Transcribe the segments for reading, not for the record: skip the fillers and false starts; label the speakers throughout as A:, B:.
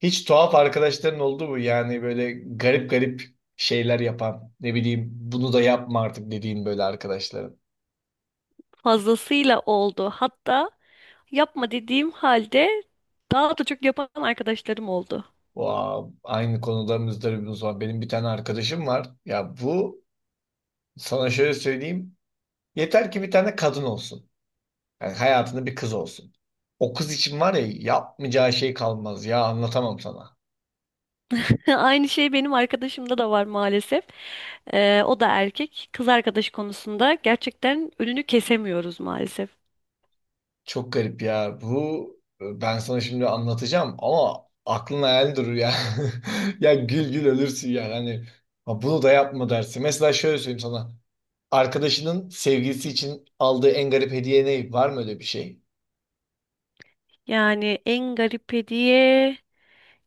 A: Hiç tuhaf arkadaşların oldu mu? Yani böyle garip garip şeyler yapan, ne bileyim bunu da yapma artık dediğin böyle arkadaşların.
B: Fazlasıyla oldu. Hatta yapma dediğim halde daha da çok yapan arkadaşlarım oldu.
A: Wow, aynı konuda muzdaribimiz var. Benim bir tane arkadaşım var. Ya bu sana şöyle söyleyeyim. Yeter ki bir tane kadın olsun. Yani hayatında bir kız olsun. O kız için var ya yapmayacağı şey kalmaz. Ya anlatamam sana.
B: Aynı şey benim arkadaşımda da var maalesef. O da erkek. Kız arkadaş konusunda gerçekten önünü kesemiyoruz maalesef.
A: Çok garip ya. Bu ben sana şimdi anlatacağım ama aklın hayal durur ya. Ya gül gül ölürsün ya. Hani "Ha, bunu da yapma" dersin. Mesela şöyle söyleyeyim sana. Arkadaşının sevgilisi için aldığı en garip hediye ne? Var mı öyle bir şey?
B: Yani en garip hediye...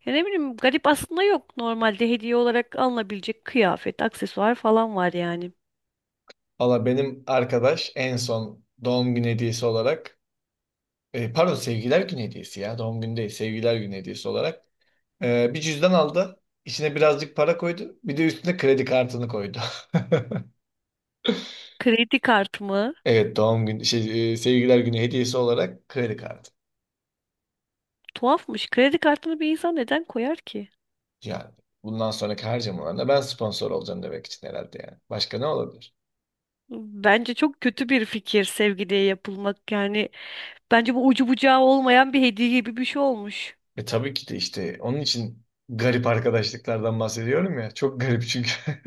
B: Ya ne bileyim garip aslında yok. Normalde hediye olarak alınabilecek kıyafet, aksesuar falan var yani.
A: Valla benim arkadaş en son doğum günü hediyesi olarak pardon sevgiler günü hediyesi ya. Doğum günü değil, sevgiler günü hediyesi olarak bir cüzdan aldı. İçine birazcık para koydu. Bir de üstüne kredi kartını koydu.
B: Kredi kartımı...
A: Evet, doğum günü sevgililer günü hediyesi olarak kredi kartı.
B: Tuhafmış. Kredi kartını bir insan neden koyar ki?
A: Yani bundan sonraki harcamalarında ben sponsor olacağım demek için herhalde yani. Başka ne olabilir?
B: Bence çok kötü bir fikir sevgiliye yapılmak. Yani bence bu ucu bucağı olmayan bir hediye gibi bir şey olmuş.
A: E tabii ki de işte onun için garip arkadaşlıklardan bahsediyorum ya. Çok garip çünkü.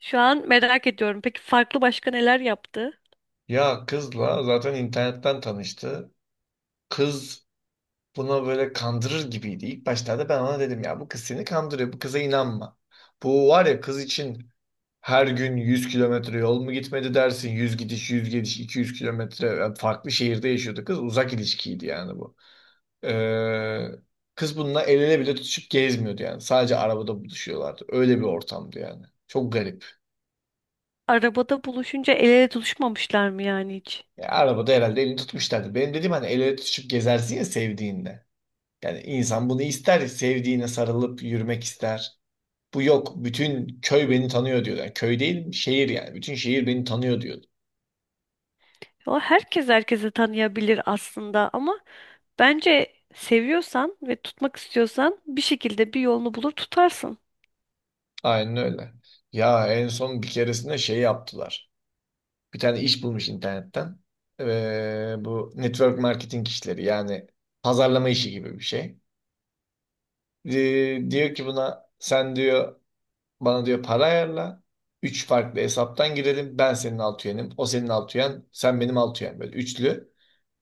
B: Şu an merak ediyorum. Peki farklı başka neler yaptı?
A: Ya kızla zaten internetten tanıştı. Kız buna böyle kandırır gibiydi. İlk başlarda ben ona dedim ya, bu kız seni kandırıyor. Bu kıza inanma. Bu var ya, kız için her gün 100 kilometre yol mu gitmedi dersin? 100 gidiş, 100 geliş, 200 kilometre. Yani farklı şehirde yaşıyordu kız. Uzak ilişkiydi yani bu. Ee, Kız bununla el ele bile tutuşup gezmiyordu yani. Sadece arabada buluşuyorlardı. Öyle bir ortamdı yani. Çok garip.
B: Arabada buluşunca el ele tutuşmamışlar mı yani hiç?
A: Ya arabada herhalde elini tutmuşlardı. Benim dediğim hani el ele tutuşup gezersin ya sevdiğinle. Yani insan bunu ister. Sevdiğine sarılıp yürümek ister. Bu yok. Bütün köy beni tanıyor diyordu. Yani köy değil, şehir yani. Bütün şehir beni tanıyor diyordu.
B: O herkes herkese tanıyabilir aslında ama bence seviyorsan ve tutmak istiyorsan bir şekilde bir yolunu bulur tutarsın.
A: Aynen öyle. Ya en son bir keresinde şey yaptılar. Bir tane iş bulmuş internetten. Bu network marketing işleri, yani pazarlama işi gibi bir şey. Ee, diyor ki buna, sen diyor bana diyor para ayarla. Üç farklı hesaptan girelim. Ben senin alt üyenim. O senin alt üyen. Sen benim alt üyen. Böyle üçlü.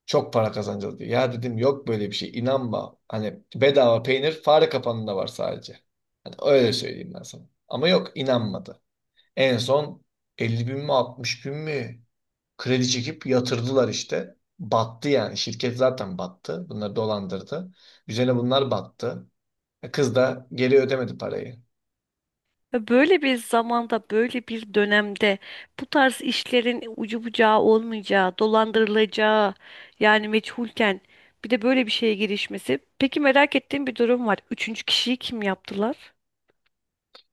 A: Çok para kazanacağız diyor. Ya dedim yok böyle bir şey. İnanma. Hani bedava peynir fare kapanında var sadece. Hani öyle söyleyeyim ben sana. Ama yok, inanmadı. En son 50.000 mi 60.000 mi kredi çekip yatırdılar işte. Battı yani. Şirket zaten battı. Bunları dolandırdı. Üzerine bunlar battı. Kız da geri ödemedi parayı.
B: Ve böyle bir zamanda, böyle bir dönemde bu tarz işlerin ucu bucağı olmayacağı, dolandırılacağı yani meçhulken bir de böyle bir şeye girişmesi. Peki merak ettiğim bir durum var. Üçüncü kişiyi kim yaptılar?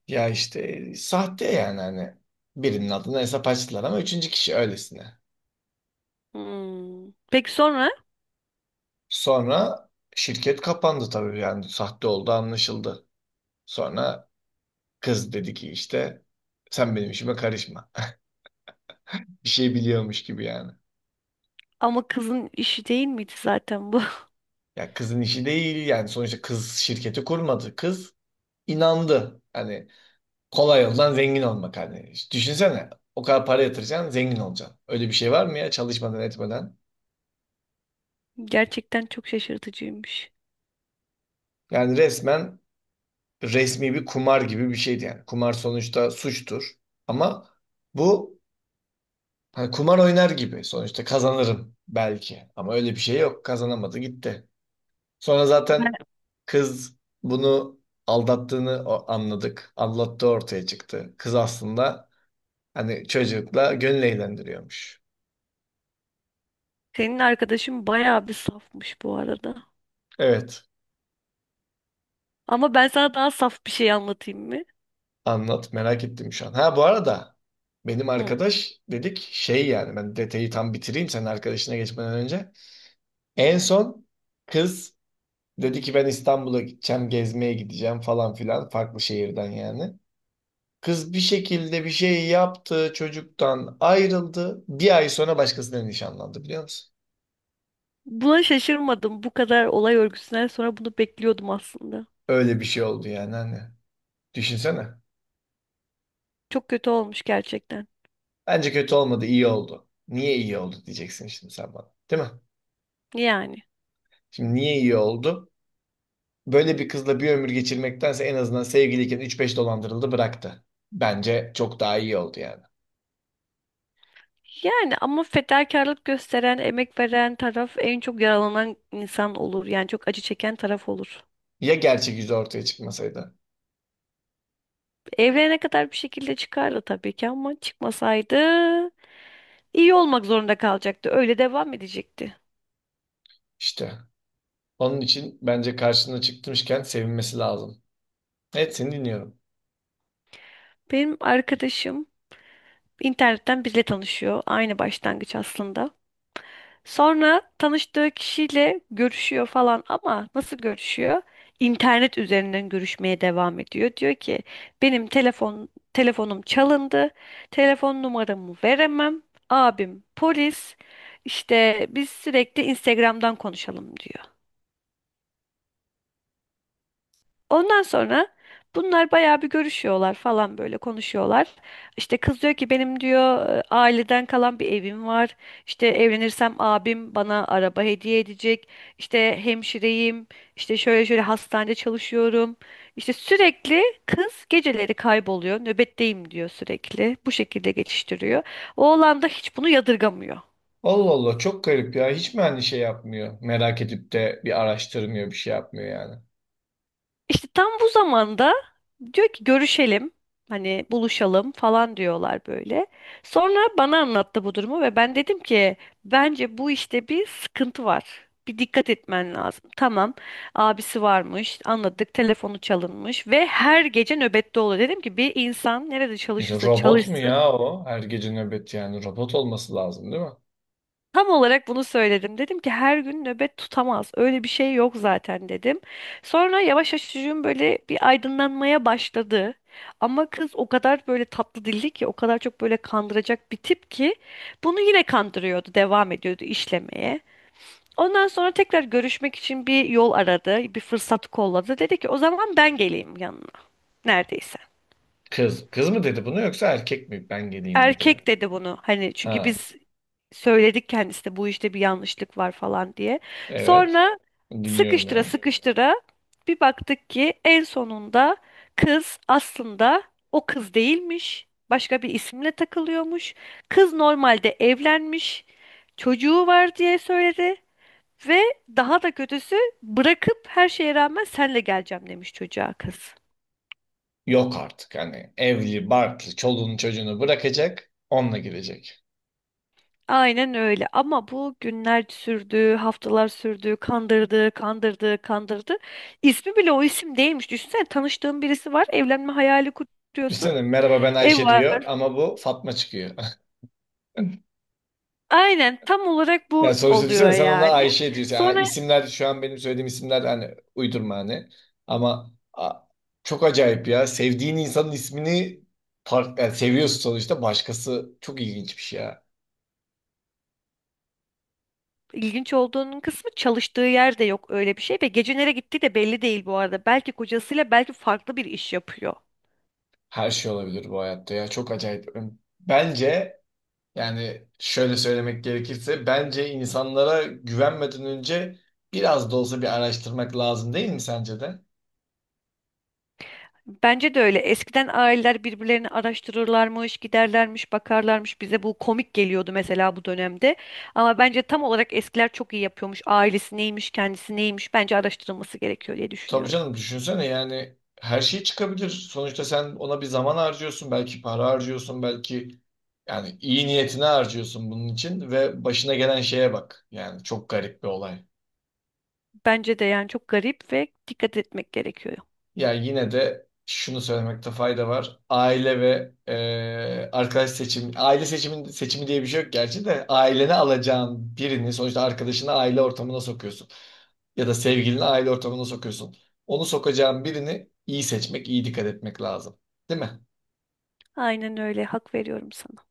A: Ya işte sahte, yani hani birinin adına hesap açtılar ama üçüncü kişi öylesine.
B: Hmm. Peki sonra?
A: Sonra şirket kapandı tabii, yani sahte oldu, anlaşıldı. Sonra kız dedi ki işte, sen benim işime karışma. Bir şey biliyormuş gibi yani.
B: Ama kızın işi değil miydi zaten bu?
A: Ya kızın işi değil yani, sonuçta kız şirketi kurmadı. Kız inandı. Hani kolay yoldan zengin olmak hani. İşte düşünsene, o kadar para yatıracaksın, zengin olacaksın. Öyle bir şey var mı ya çalışmadan etmeden?
B: Gerçekten çok şaşırtıcıymış.
A: Yani resmen resmi bir kumar gibi bir şeydi yani. Kumar sonuçta suçtur. Ama bu hani kumar oynar gibi, sonuçta kazanırım belki. Ama öyle bir şey yok. Kazanamadı gitti. Sonra zaten kız bunu anladık. Aldattığı ortaya çıktı. Kız aslında hani çocukla gönül eğlendiriyormuş.
B: Senin arkadaşın bayağı bir safmış bu arada.
A: Evet.
B: Ama ben sana daha saf bir şey anlatayım mı?
A: Anlat. Merak ettim şu an. Ha, bu arada benim
B: Hı.
A: arkadaş dedik şey, yani ben detayı tam bitireyim senin arkadaşına geçmeden önce. En son kız dedi ki ben İstanbul'a gideceğim, gezmeye gideceğim falan filan, farklı şehirden yani. Kız bir şekilde bir şey yaptı, çocuktan ayrıldı. Bir ay sonra başkasıyla nişanlandı, biliyor musun?
B: Buna şaşırmadım. Bu kadar olay örgüsünden sonra bunu bekliyordum aslında.
A: Öyle bir şey oldu yani hani. Düşünsene.
B: Çok kötü olmuş gerçekten.
A: Bence kötü olmadı, iyi oldu. Niye iyi oldu diyeceksin şimdi sen bana. Değil mi?
B: Yani.
A: Şimdi niye iyi oldu? Böyle bir kızla bir ömür geçirmektense en azından sevgiliyken üç beş dolandırıldı, bıraktı. Bence çok daha iyi oldu yani.
B: Yani ama fedakarlık gösteren, emek veren taraf en çok yaralanan insan olur. Yani çok acı çeken taraf olur.
A: Ya gerçek yüzü ortaya çıkmasaydı?
B: Evlenene kadar bir şekilde çıkardı tabii ki ama çıkmasaydı iyi olmak zorunda kalacaktı. Öyle devam edecekti.
A: İşte. Onun için bence karşına çıkmışken sevinmesi lazım. Evet, seni dinliyorum.
B: Benim arkadaşım internetten biriyle tanışıyor. Aynı başlangıç aslında. Sonra tanıştığı kişiyle görüşüyor falan ama nasıl görüşüyor? İnternet üzerinden görüşmeye devam ediyor. Diyor ki benim telefonum çalındı. Telefon numaramı veremem. Abim polis. İşte biz sürekli Instagram'dan konuşalım diyor. Ondan sonra bunlar bayağı bir görüşüyorlar falan böyle konuşuyorlar. İşte kız diyor ki benim diyor aileden kalan bir evim var. İşte evlenirsem abim bana araba hediye edecek. İşte hemşireyim. İşte şöyle şöyle hastanede çalışıyorum. İşte sürekli kız geceleri kayboluyor. Nöbetteyim diyor sürekli. Bu şekilde geçiştiriyor. Oğlan da hiç bunu yadırgamıyor.
A: Allah Allah, çok garip ya. Hiç mi hani şey yapmıyor? Merak edip de bir araştırmıyor, bir şey yapmıyor yani.
B: İşte tam bu zamanda diyor ki görüşelim. Hani buluşalım falan diyorlar böyle. Sonra bana anlattı bu durumu ve ben dedim ki bence bu işte bir sıkıntı var. Bir dikkat etmen lazım. Tamam. Abisi varmış. Anladık. Telefonu çalınmış ve her gece nöbette oluyor. Dedim ki bir insan nerede
A: İşte
B: çalışırsa
A: robot mu
B: çalışsın.
A: ya o? Her gece nöbet yani. Robot olması lazım değil mi?
B: Tam olarak bunu söyledim. Dedim ki her gün nöbet tutamaz. Öyle bir şey yok zaten dedim. Sonra yavaş yavaş çocuğum böyle bir aydınlanmaya başladı. Ama kız o kadar böyle tatlı dilli ki, o kadar çok böyle kandıracak bir tip ki bunu yine kandırıyordu, devam ediyordu işlemeye. Ondan sonra tekrar görüşmek için bir yol aradı, bir fırsat kolladı. Dedi ki o zaman ben geleyim yanına neredeyse.
A: Kız. Kız mı dedi bunu yoksa erkek mi? Ben geleyim dedi yani.
B: Erkek dedi bunu hani çünkü
A: Ha,
B: biz söyledik kendisine bu işte bir yanlışlık var falan diye.
A: evet.
B: Sonra
A: Dinliyorum
B: sıkıştıra
A: yani.
B: sıkıştıra bir baktık ki en sonunda kız aslında o kız değilmiş. Başka bir isimle takılıyormuş. Kız normalde evlenmiş, çocuğu var diye söyledi ve daha da kötüsü bırakıp her şeye rağmen senle geleceğim demiş çocuğa kız.
A: Yok artık, hani evli, barklı, çoluğunu çocuğunu bırakacak. Onunla gidecek.
B: Aynen öyle ama bu günler sürdü, haftalar sürdü, kandırdı, kandırdı, kandırdı. İsmi bile o isim değilmiş. Düşünsene tanıştığın birisi var, evlenme hayali kuruyorsun.
A: Düşünsene, merhaba ben
B: Ev
A: Ayşe diyor
B: var.
A: ama bu Fatma çıkıyor.
B: Aynen tam olarak
A: Yani
B: bu
A: sonuçta
B: oluyor
A: düşünsene, sen ona
B: yani.
A: Ayşe diyorsun. Yani
B: Sonra
A: isimler şu an benim söylediğim isimler, hani uydurma hani. Ama a- çok acayip ya. Sevdiğin insanın ismini yani seviyorsun sonuçta, başkası, çok ilginç bir şey ya.
B: ilginç olduğunun kısmı çalıştığı yerde yok öyle bir şey ve gece nereye gittiği de belli değil bu arada. Belki kocasıyla belki farklı bir iş yapıyor.
A: Her şey olabilir bu hayatta ya. Çok acayip. Bence yani şöyle söylemek gerekirse, bence insanlara güvenmeden önce biraz da olsa bir araştırmak lazım, değil mi sence de?
B: Bence de öyle. Eskiden aileler birbirlerini araştırırlarmış, giderlermiş, bakarlarmış. Bize bu komik geliyordu mesela bu dönemde. Ama bence tam olarak eskiler çok iyi yapıyormuş. Ailesi neymiş, kendisi neymiş. Bence araştırılması gerekiyor diye
A: Tabii
B: düşünüyorum.
A: canım, düşünsene yani her şey çıkabilir. Sonuçta sen ona bir zaman harcıyorsun, belki para harcıyorsun, belki yani iyi niyetine harcıyorsun bunun için ve başına gelen şeye bak. Yani çok garip bir olay.
B: Bence de yani çok garip ve dikkat etmek gerekiyor.
A: Ya yine de şunu söylemekte fayda var. Aile ve arkadaş seçim, aile seçimi, seçimi diye bir şey yok gerçi de, ailene alacağın birini sonuçta, arkadaşını aile ortamına sokuyorsun. Ya da sevgilini aile ortamına sokuyorsun. Onu sokacağın birini iyi seçmek, iyi dikkat etmek lazım. Değil mi?
B: Aynen öyle. Hak veriyorum sana.